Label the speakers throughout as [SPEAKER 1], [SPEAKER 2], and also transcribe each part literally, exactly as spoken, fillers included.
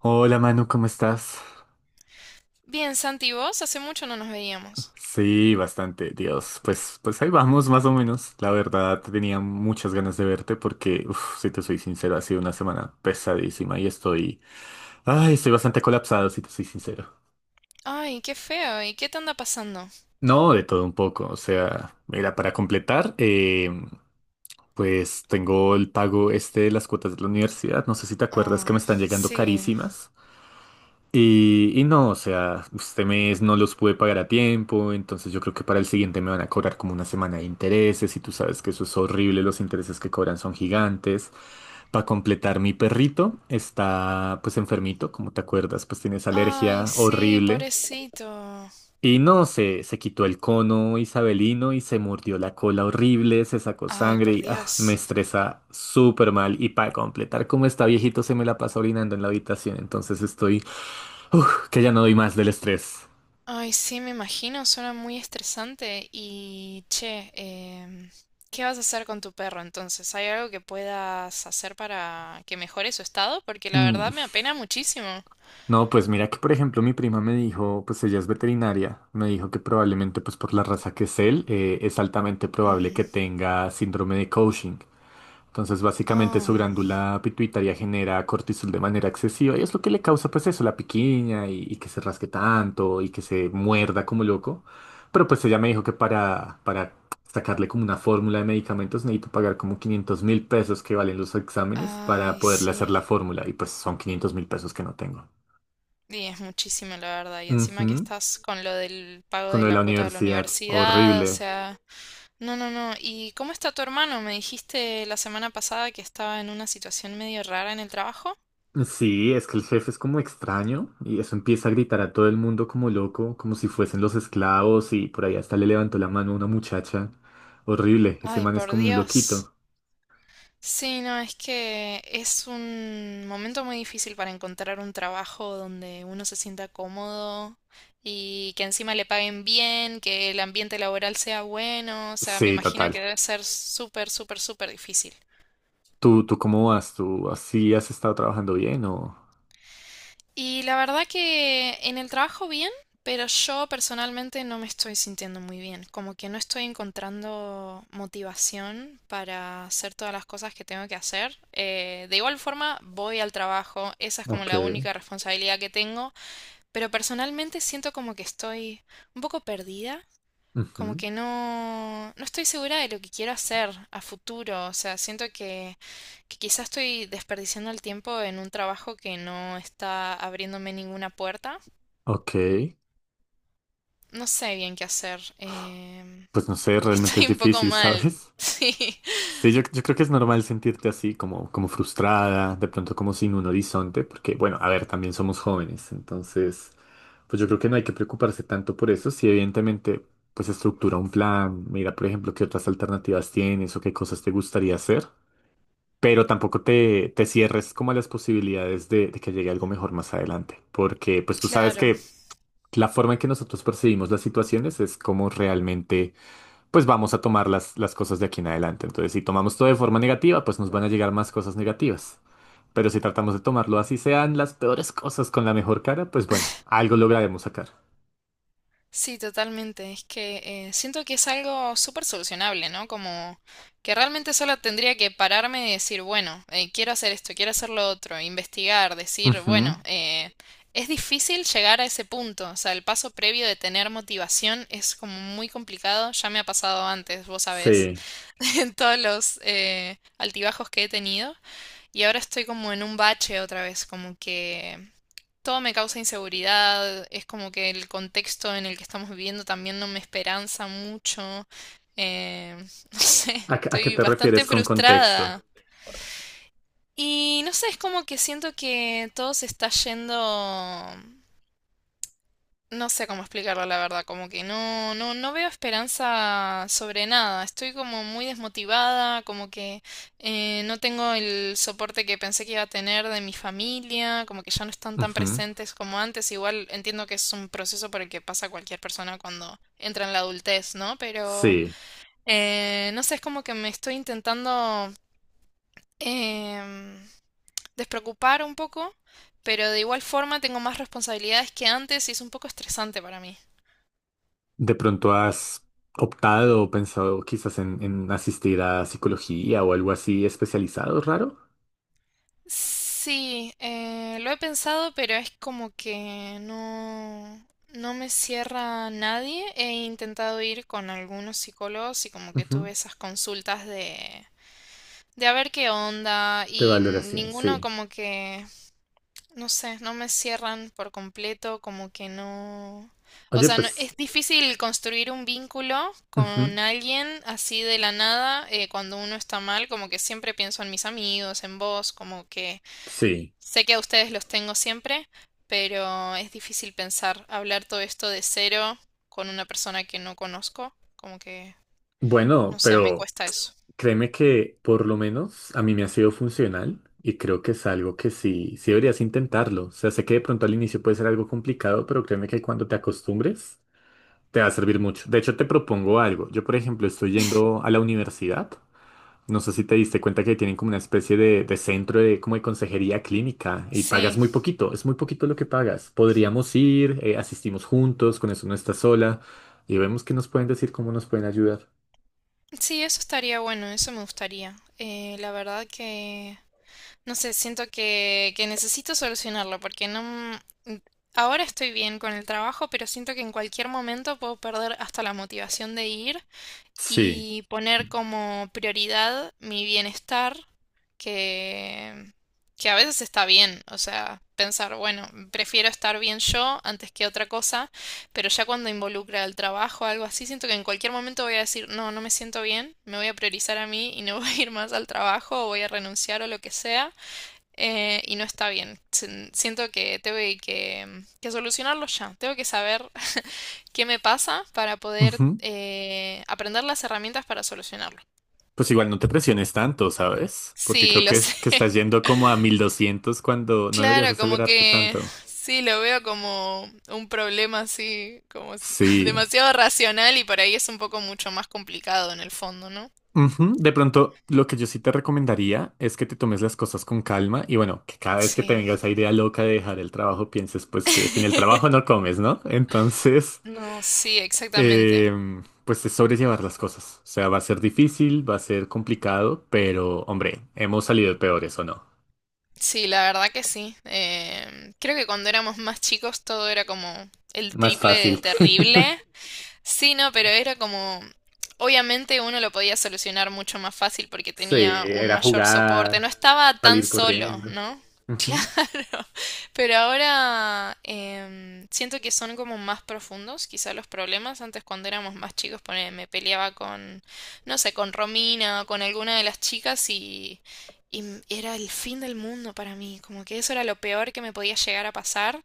[SPEAKER 1] Hola Manu, ¿cómo estás?
[SPEAKER 2] Bien, Santi, ¿y vos? Hace mucho no nos veíamos.
[SPEAKER 1] Sí, bastante, Dios. Pues, pues ahí vamos, más o menos. La verdad, tenía muchas ganas de verte porque, uf, si te soy sincero, ha sido una semana pesadísima y estoy, ay, estoy bastante colapsado, si te soy sincero.
[SPEAKER 2] Ay, qué feo. ¿Y qué te anda pasando?
[SPEAKER 1] No, de todo un poco. O sea, mira, para completar, eh, pues tengo el pago este de las cuotas de la universidad. No sé si te acuerdas que me
[SPEAKER 2] Ah,
[SPEAKER 1] están llegando
[SPEAKER 2] sí.
[SPEAKER 1] carísimas. Y, y no, o sea, este mes no los pude pagar a tiempo, entonces yo creo que para el siguiente me van a cobrar como una semana de intereses y tú sabes que eso es horrible, los intereses que cobran son gigantes. Para completar, mi perrito está pues enfermito, como te acuerdas, pues tiene esa
[SPEAKER 2] Ay,
[SPEAKER 1] alergia
[SPEAKER 2] sí,
[SPEAKER 1] horrible.
[SPEAKER 2] pobrecito.
[SPEAKER 1] Y no, se, se quitó el cono isabelino y se mordió la cola horrible, se sacó
[SPEAKER 2] Ay,
[SPEAKER 1] sangre
[SPEAKER 2] por
[SPEAKER 1] y ah, me
[SPEAKER 2] Dios.
[SPEAKER 1] estresa súper mal. Y para completar, como está viejito, se me la pasa orinando en la habitación, entonces estoy. Uf, que ya no doy más del estrés.
[SPEAKER 2] Ay, sí, me imagino, suena muy estresante. Y, che, em, ¿qué vas a hacer con tu perro entonces? ¿Hay algo que puedas hacer para que mejore su estado? Porque la
[SPEAKER 1] Mm.
[SPEAKER 2] verdad me apena muchísimo.
[SPEAKER 1] No, pues mira que por ejemplo mi prima me dijo, pues ella es veterinaria, me dijo que probablemente pues por la raza que es él, eh, es altamente probable que
[SPEAKER 2] Mm.
[SPEAKER 1] tenga síndrome de Cushing. Entonces, básicamente
[SPEAKER 2] Ah,
[SPEAKER 1] su glándula pituitaria genera cortisol de manera excesiva y es lo que le causa, pues eso, la piquiña y, y que se rasque tanto y que se muerda como loco. Pero pues ella me dijo que para, para sacarle como una fórmula de medicamentos necesito pagar como quinientos mil pesos que valen los exámenes para
[SPEAKER 2] ay,
[SPEAKER 1] poderle hacer la
[SPEAKER 2] sí.
[SPEAKER 1] fórmula y pues son quinientos mil pesos que no tengo.
[SPEAKER 2] Y es muchísimo, la verdad. Y encima que
[SPEAKER 1] Ujú.
[SPEAKER 2] estás con lo del pago
[SPEAKER 1] Con
[SPEAKER 2] de
[SPEAKER 1] lo de
[SPEAKER 2] la
[SPEAKER 1] la
[SPEAKER 2] cuota de la
[SPEAKER 1] universidad,
[SPEAKER 2] universidad, o
[SPEAKER 1] horrible.
[SPEAKER 2] sea, no, no, no. ¿Y cómo está tu hermano? Me dijiste la semana pasada que estaba en una situación medio rara en el trabajo.
[SPEAKER 1] Sí, es que el jefe es como extraño y eso empieza a gritar a todo el mundo como loco, como si fuesen los esclavos y por ahí hasta le levantó la mano a una muchacha. Horrible, ese
[SPEAKER 2] Ay,
[SPEAKER 1] man es
[SPEAKER 2] por
[SPEAKER 1] como un
[SPEAKER 2] Dios.
[SPEAKER 1] loquito.
[SPEAKER 2] Sí, no, es que es un momento muy difícil para encontrar un trabajo donde uno se sienta cómodo y que encima le paguen bien, que el ambiente laboral sea bueno. O sea, me
[SPEAKER 1] Sí,
[SPEAKER 2] imagino que
[SPEAKER 1] total.
[SPEAKER 2] debe ser súper, súper, súper difícil.
[SPEAKER 1] ¿Tú, tú cómo vas? ¿Tú así has estado trabajando bien o...?
[SPEAKER 2] Y la verdad que en el trabajo bien, pero yo personalmente no me estoy sintiendo muy bien, como que no estoy encontrando motivación para hacer todas las cosas que tengo que hacer. Eh, de igual forma, voy al trabajo, esa es como
[SPEAKER 1] Ok.
[SPEAKER 2] la única responsabilidad que tengo, pero personalmente siento como que estoy un poco perdida, como
[SPEAKER 1] Ujú.
[SPEAKER 2] que no, no estoy segura de lo que quiero hacer a futuro. O sea, siento que, que quizás estoy desperdiciando el tiempo en un trabajo que no está abriéndome ninguna puerta.
[SPEAKER 1] Ok.
[SPEAKER 2] No sé bien qué hacer. Em,
[SPEAKER 1] Pues no sé, realmente es
[SPEAKER 2] estoy un poco
[SPEAKER 1] difícil,
[SPEAKER 2] mal.
[SPEAKER 1] ¿sabes?
[SPEAKER 2] Sí,
[SPEAKER 1] Sí, yo, yo creo que es normal sentirte así, como, como frustrada, de pronto como sin un horizonte, porque, bueno, a ver, también somos jóvenes, entonces, pues yo creo que no hay que preocuparse tanto por eso, si evidentemente, pues estructura un plan, mira, por ejemplo, qué otras alternativas tienes o qué cosas te gustaría hacer, pero tampoco te, te cierres como a las posibilidades de, de que llegue algo mejor más adelante, porque pues tú sabes
[SPEAKER 2] claro.
[SPEAKER 1] que la forma en que nosotros percibimos las situaciones es como realmente pues vamos a tomar las, las cosas de aquí en adelante. Entonces, si tomamos todo de forma negativa, pues nos van a llegar más cosas negativas. Pero si tratamos de tomarlo así sean las peores cosas con la mejor cara, pues bueno, algo lograremos sacar.
[SPEAKER 2] Sí, totalmente. Es que eh, siento que es algo súper solucionable, ¿no? Como que realmente solo tendría que pararme y decir, bueno, eh, quiero hacer esto, quiero hacer lo otro, investigar, decir,
[SPEAKER 1] Ujú.
[SPEAKER 2] bueno, eh, es difícil llegar a ese punto. O sea, el paso previo de tener motivación es como muy complicado. Ya me ha pasado antes, vos sabés,
[SPEAKER 1] Sí.
[SPEAKER 2] en todos los eh, altibajos que he tenido. Y ahora estoy como en un bache otra vez, como que todo me causa inseguridad, es como que el contexto en el que estamos viviendo también no me esperanza mucho. eh, no sé,
[SPEAKER 1] ¿A, qué a qué
[SPEAKER 2] estoy
[SPEAKER 1] te
[SPEAKER 2] bastante
[SPEAKER 1] refieres con contexto?
[SPEAKER 2] frustrada. Y no sé, es como que siento que todo se está yendo, no sé cómo explicarlo, la verdad, como que no, no, no veo esperanza sobre nada. Estoy como muy desmotivada, como que eh, no tengo el soporte que pensé que iba a tener de mi familia, como que ya no están tan
[SPEAKER 1] Ujú.
[SPEAKER 2] presentes como antes. Igual entiendo que es un proceso por el que pasa cualquier persona cuando entra en la adultez, ¿no? Pero
[SPEAKER 1] Sí.
[SPEAKER 2] eh, no sé, es como que me estoy intentando em, despreocupar un poco, pero de igual forma tengo más responsabilidades que antes y es un poco estresante para mí.
[SPEAKER 1] ¿De pronto has optado o pensado quizás en, en asistir a psicología o algo así especializado, raro?
[SPEAKER 2] Sí, eh, lo he pensado, pero es como que no, no me cierra nadie. He intentado ir con algunos psicólogos y como que tuve
[SPEAKER 1] Ujú.
[SPEAKER 2] esas consultas de, de a ver qué onda
[SPEAKER 1] De
[SPEAKER 2] y
[SPEAKER 1] valoración,
[SPEAKER 2] ninguno
[SPEAKER 1] sí.
[SPEAKER 2] como que, no sé, no me cierran por completo, como que no... O
[SPEAKER 1] Oye,
[SPEAKER 2] sea, no-
[SPEAKER 1] pues,
[SPEAKER 2] es difícil construir un vínculo
[SPEAKER 1] ujú.
[SPEAKER 2] con alguien así de la nada eh, cuando uno está mal, como que siempre pienso en mis amigos, en vos, como que...
[SPEAKER 1] Sí.
[SPEAKER 2] Sé que a ustedes los tengo siempre, pero es difícil pensar, hablar todo esto de cero con una persona que no conozco, como que,
[SPEAKER 1] Bueno,
[SPEAKER 2] no sé, me
[SPEAKER 1] pero...
[SPEAKER 2] cuesta eso.
[SPEAKER 1] Créeme que por lo menos a mí me ha sido funcional y creo que es algo que sí, sí deberías intentarlo. O sea, sé que de pronto al inicio puede ser algo complicado, pero créeme que cuando te acostumbres te va a servir mucho. De hecho, te propongo algo. Yo, por ejemplo, estoy yendo a la universidad. No sé si te diste cuenta que tienen como una especie de, de centro de, como de consejería clínica y pagas
[SPEAKER 2] Sí,
[SPEAKER 1] muy poquito, es muy poquito lo que pagas. Podríamos ir, eh, asistimos juntos, con eso no estás sola y vemos qué nos pueden decir, cómo nos pueden ayudar.
[SPEAKER 2] sí, eso estaría bueno, eso me gustaría. Eh, la verdad que, no sé, siento que, que necesito solucionarlo porque no... m- Ahora estoy bien con el trabajo, pero siento que en cualquier momento puedo perder hasta la motivación de ir
[SPEAKER 1] Sí.
[SPEAKER 2] y poner como prioridad mi bienestar, que, que a veces está bien, o sea, pensar, bueno, prefiero estar bien yo antes que otra cosa, pero ya cuando involucra el trabajo o algo así, siento que en cualquier momento voy a decir, no, no me siento bien, me voy a priorizar a mí y no voy a ir más al trabajo o voy a renunciar o lo que sea, eh, y no está bien. Siento que tengo que que solucionarlo ya, tengo que saber qué me pasa para poder eh, aprender las herramientas para solucionarlo.
[SPEAKER 1] Pues igual no te presiones tanto, ¿sabes? Porque
[SPEAKER 2] Sí,
[SPEAKER 1] creo
[SPEAKER 2] lo
[SPEAKER 1] que,
[SPEAKER 2] sé.
[SPEAKER 1] es- que estás yendo como a mil doscientos cuando no deberías
[SPEAKER 2] Claro, como
[SPEAKER 1] acelerarte
[SPEAKER 2] que
[SPEAKER 1] tanto.
[SPEAKER 2] sí, lo veo como un problema así, como es
[SPEAKER 1] Sí.
[SPEAKER 2] demasiado racional y por ahí es un poco mucho más complicado en el fondo, ¿no?
[SPEAKER 1] Ujú. De pronto, lo que yo sí te recomendaría es que te tomes las cosas con calma y bueno, que cada vez que te
[SPEAKER 2] Sí.
[SPEAKER 1] venga esa idea loca de dejar el trabajo, pienses pues que sin el trabajo no comes, ¿no? Entonces,
[SPEAKER 2] No, sí, exactamente.
[SPEAKER 1] em, pues es sobrellevar las cosas. O sea, va a ser difícil, va a ser complicado, pero hombre, hemos salido peores, ¿o no?
[SPEAKER 2] Sí, la verdad que sí. Eh, creo que cuando éramos más chicos todo era como el
[SPEAKER 1] Más
[SPEAKER 2] triple de
[SPEAKER 1] fácil.
[SPEAKER 2] terrible. Sí, no, pero era como, obviamente uno lo podía solucionar mucho más fácil porque
[SPEAKER 1] Sí,
[SPEAKER 2] tenía un
[SPEAKER 1] era
[SPEAKER 2] mayor soporte, no
[SPEAKER 1] jugar,
[SPEAKER 2] estaba tan
[SPEAKER 1] salir
[SPEAKER 2] solo,
[SPEAKER 1] corriendo.
[SPEAKER 2] ¿no?
[SPEAKER 1] Ujú.
[SPEAKER 2] Pero ahora em, siento que son como más profundos, quizá los problemas. Antes cuando éramos más chicos, pone- me peleaba con, no sé, con Romina o con alguna de las chicas y, y m- era el fin del mundo para mí, como que eso era lo peor que me podía llegar a pasar.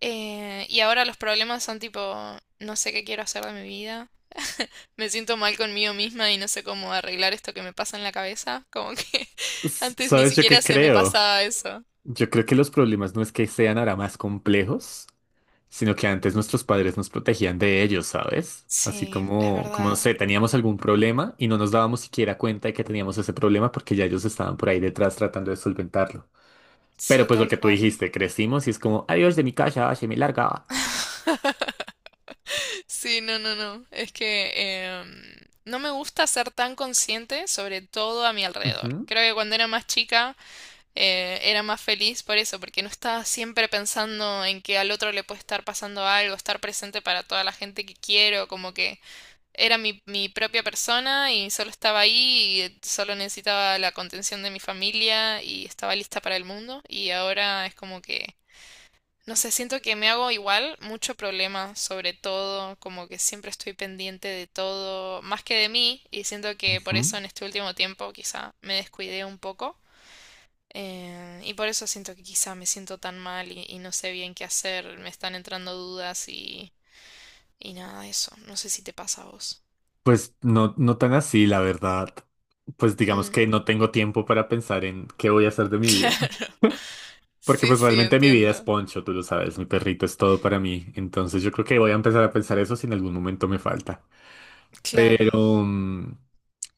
[SPEAKER 2] Eh, y ahora los problemas son tipo, no sé qué quiero hacer de mi vida. Me siento mal conmigo misma y no sé cómo arreglar esto que me pasa en la cabeza. Como que
[SPEAKER 1] S-
[SPEAKER 2] antes ni
[SPEAKER 1] ¿Sabes yo qué
[SPEAKER 2] siquiera se me
[SPEAKER 1] creo?
[SPEAKER 2] pasaba eso.
[SPEAKER 1] Yo creo que los problemas no es que sean ahora más complejos, sino que antes nuestros padres nos protegían de ellos, ¿sabes? Así
[SPEAKER 2] Sí, es
[SPEAKER 1] como, como no
[SPEAKER 2] verdad.
[SPEAKER 1] sé, teníamos algún problema y no nos dábamos siquiera cuenta de que teníamos ese problema porque ya ellos estaban por ahí detrás tratando de solventarlo. Pero
[SPEAKER 2] Sí,
[SPEAKER 1] pues lo
[SPEAKER 2] tal
[SPEAKER 1] que tú
[SPEAKER 2] cual.
[SPEAKER 1] dijiste, crecimos y es como, adiós de mi casa, se me larga.
[SPEAKER 2] Sí, no, no, no. Es que em, no me gusta ser tan consciente sobre todo a mi alrededor.
[SPEAKER 1] Ujú,
[SPEAKER 2] Creo que cuando era más chica eh, era más feliz por eso, porque no estaba siempre pensando en que al otro le puede estar pasando algo, estar presente para toda la gente que quiero, como que era mi, mi propia persona y solo estaba ahí y solo necesitaba la contención de mi familia y estaba lista para el mundo. Y ahora es como que, no sé, siento que me hago igual mucho problema sobre todo, como que siempre estoy pendiente de todo, más que de mí, y siento que por
[SPEAKER 1] ujú.
[SPEAKER 2] eso en este último tiempo quizá me descuidé un poco. Eh, y por eso siento que quizá me siento tan mal y, y no sé bien qué hacer, me están entrando dudas y, y nada, eso. No sé si te pasa a vos.
[SPEAKER 1] Pues no, no tan así, la verdad. Pues digamos
[SPEAKER 2] Mm,
[SPEAKER 1] que no tengo tiempo para pensar en qué voy a hacer de mi vida.
[SPEAKER 2] claro.
[SPEAKER 1] Porque
[SPEAKER 2] Sí,
[SPEAKER 1] pues
[SPEAKER 2] sí,
[SPEAKER 1] realmente mi vida es
[SPEAKER 2] entiendo.
[SPEAKER 1] Poncho, tú lo sabes, mi perrito es todo para mí. Entonces yo creo que voy a empezar a pensar eso si en algún momento me falta.
[SPEAKER 2] Claro,
[SPEAKER 1] Pero, mm,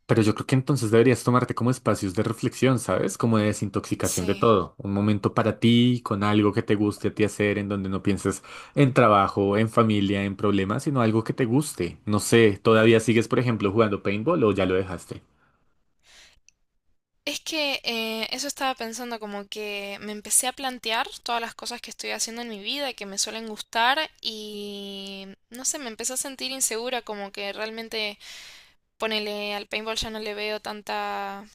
[SPEAKER 1] pero yo creo que entonces deberías tomarte como espacios de reflexión, ¿sabes? Como de desintoxicación de
[SPEAKER 2] sí.
[SPEAKER 1] todo. Un momento para ti, con algo que te guste a ti hacer, en donde no pienses en trabajo, en familia, en problemas, sino algo que te guste. No sé, ¿todavía sigues, por ejemplo, jugando paintball o ya lo dejaste?
[SPEAKER 2] Es que eh, eso estaba pensando, como que me empecé a plantear todas las cosas que estoy haciendo en mi vida que me suelen gustar y no sé, me empecé a sentir insegura, como que realmente, ponele, al paintball ya no le veo tanta,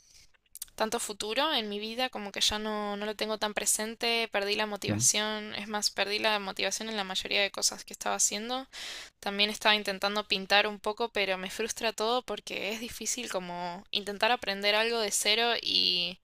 [SPEAKER 2] tanto futuro en mi vida, como que ya no, no lo tengo tan presente, perdí la
[SPEAKER 1] Mm.
[SPEAKER 2] motivación, es más, perdí la motivación en la mayoría de cosas que estaba haciendo. También estaba intentando pintar un poco, pero me frustra todo porque es difícil como intentar aprender algo de cero y,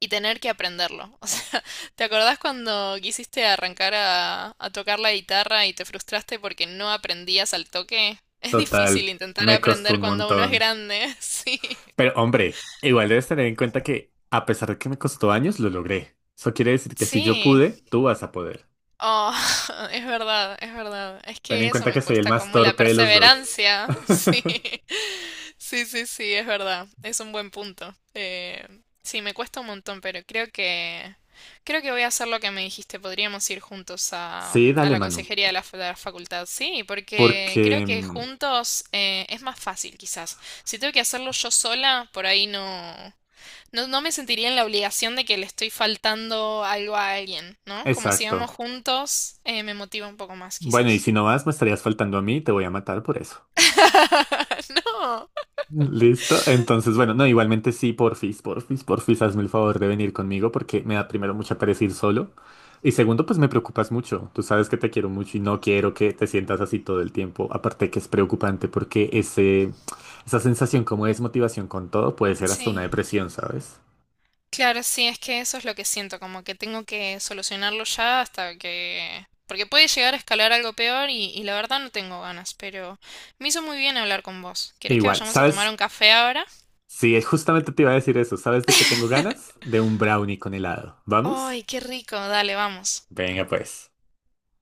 [SPEAKER 2] y tener que aprenderlo. O sea, ¿te acordás cuando quisiste arrancar a, a tocar la guitarra y te frustraste porque no aprendías al toque? Es
[SPEAKER 1] Total,
[SPEAKER 2] difícil intentar
[SPEAKER 1] me costó
[SPEAKER 2] aprender
[SPEAKER 1] un
[SPEAKER 2] cuando uno es
[SPEAKER 1] montón.
[SPEAKER 2] grande. Sí.
[SPEAKER 1] Pero hombre, igual debes tener en cuenta que a pesar de que me costó años, lo logré. Eso quiere decir que si yo
[SPEAKER 2] Sí,
[SPEAKER 1] pude, tú vas a poder.
[SPEAKER 2] Oh, es verdad, es verdad. Es
[SPEAKER 1] Ten en
[SPEAKER 2] que eso
[SPEAKER 1] cuenta que
[SPEAKER 2] me
[SPEAKER 1] soy el
[SPEAKER 2] cuesta
[SPEAKER 1] más
[SPEAKER 2] como la
[SPEAKER 1] torpe de los dos.
[SPEAKER 2] perseverancia. Sí, sí, sí, sí, es verdad. Es un buen punto. Eh, sí, me cuesta un montón, pero creo que creo que voy a hacer lo que me dijiste. Podríamos ir juntos a,
[SPEAKER 1] Sí,
[SPEAKER 2] a
[SPEAKER 1] dale,
[SPEAKER 2] la
[SPEAKER 1] Manu.
[SPEAKER 2] consejería de la, fa- de la facultad. Sí, porque creo
[SPEAKER 1] Porque...
[SPEAKER 2] que
[SPEAKER 1] mm,
[SPEAKER 2] juntos eh, es más fácil, quizás. Si tengo que hacerlo yo sola, por ahí no. No, no me sentiría en la obligación de que le estoy faltando algo a alguien, ¿no? Como si
[SPEAKER 1] Exacto.
[SPEAKER 2] vamos juntos, eh, me motiva un poco más,
[SPEAKER 1] Bueno, y
[SPEAKER 2] quizás.
[SPEAKER 1] si no vas, me estarías faltando a mí, te voy a matar por eso.
[SPEAKER 2] No.
[SPEAKER 1] ¿Listo? Entonces, bueno, no, igualmente sí, porfis, porfis, porfis, hazme el favor de venir conmigo porque me da primero mucha pereza ir solo. Y segundo, pues me preocupas mucho. Tú sabes que te quiero mucho y no quiero que te sientas así todo el tiempo. Aparte que es preocupante porque ese, esa sensación como de desmotivación con todo puede ser hasta una
[SPEAKER 2] Sí.
[SPEAKER 1] depresión, ¿sabes?
[SPEAKER 2] Claro, sí, es que eso es lo que siento, como que tengo que solucionarlo ya hasta que... Porque puede llegar a escalar algo peor y, y la verdad no tengo ganas, pero me hizo muy bien hablar con vos.
[SPEAKER 1] E
[SPEAKER 2] ¿Querés que
[SPEAKER 1] igual,
[SPEAKER 2] vayamos a tomar
[SPEAKER 1] ¿sabes?
[SPEAKER 2] un café ahora?
[SPEAKER 1] Sí, justamente te iba a decir eso. ¿Sabes de qué tengo ganas? De un brownie con helado. ¿Vamos?
[SPEAKER 2] ¡Ay, qué rico! Dale, vamos.
[SPEAKER 1] Venga, pues.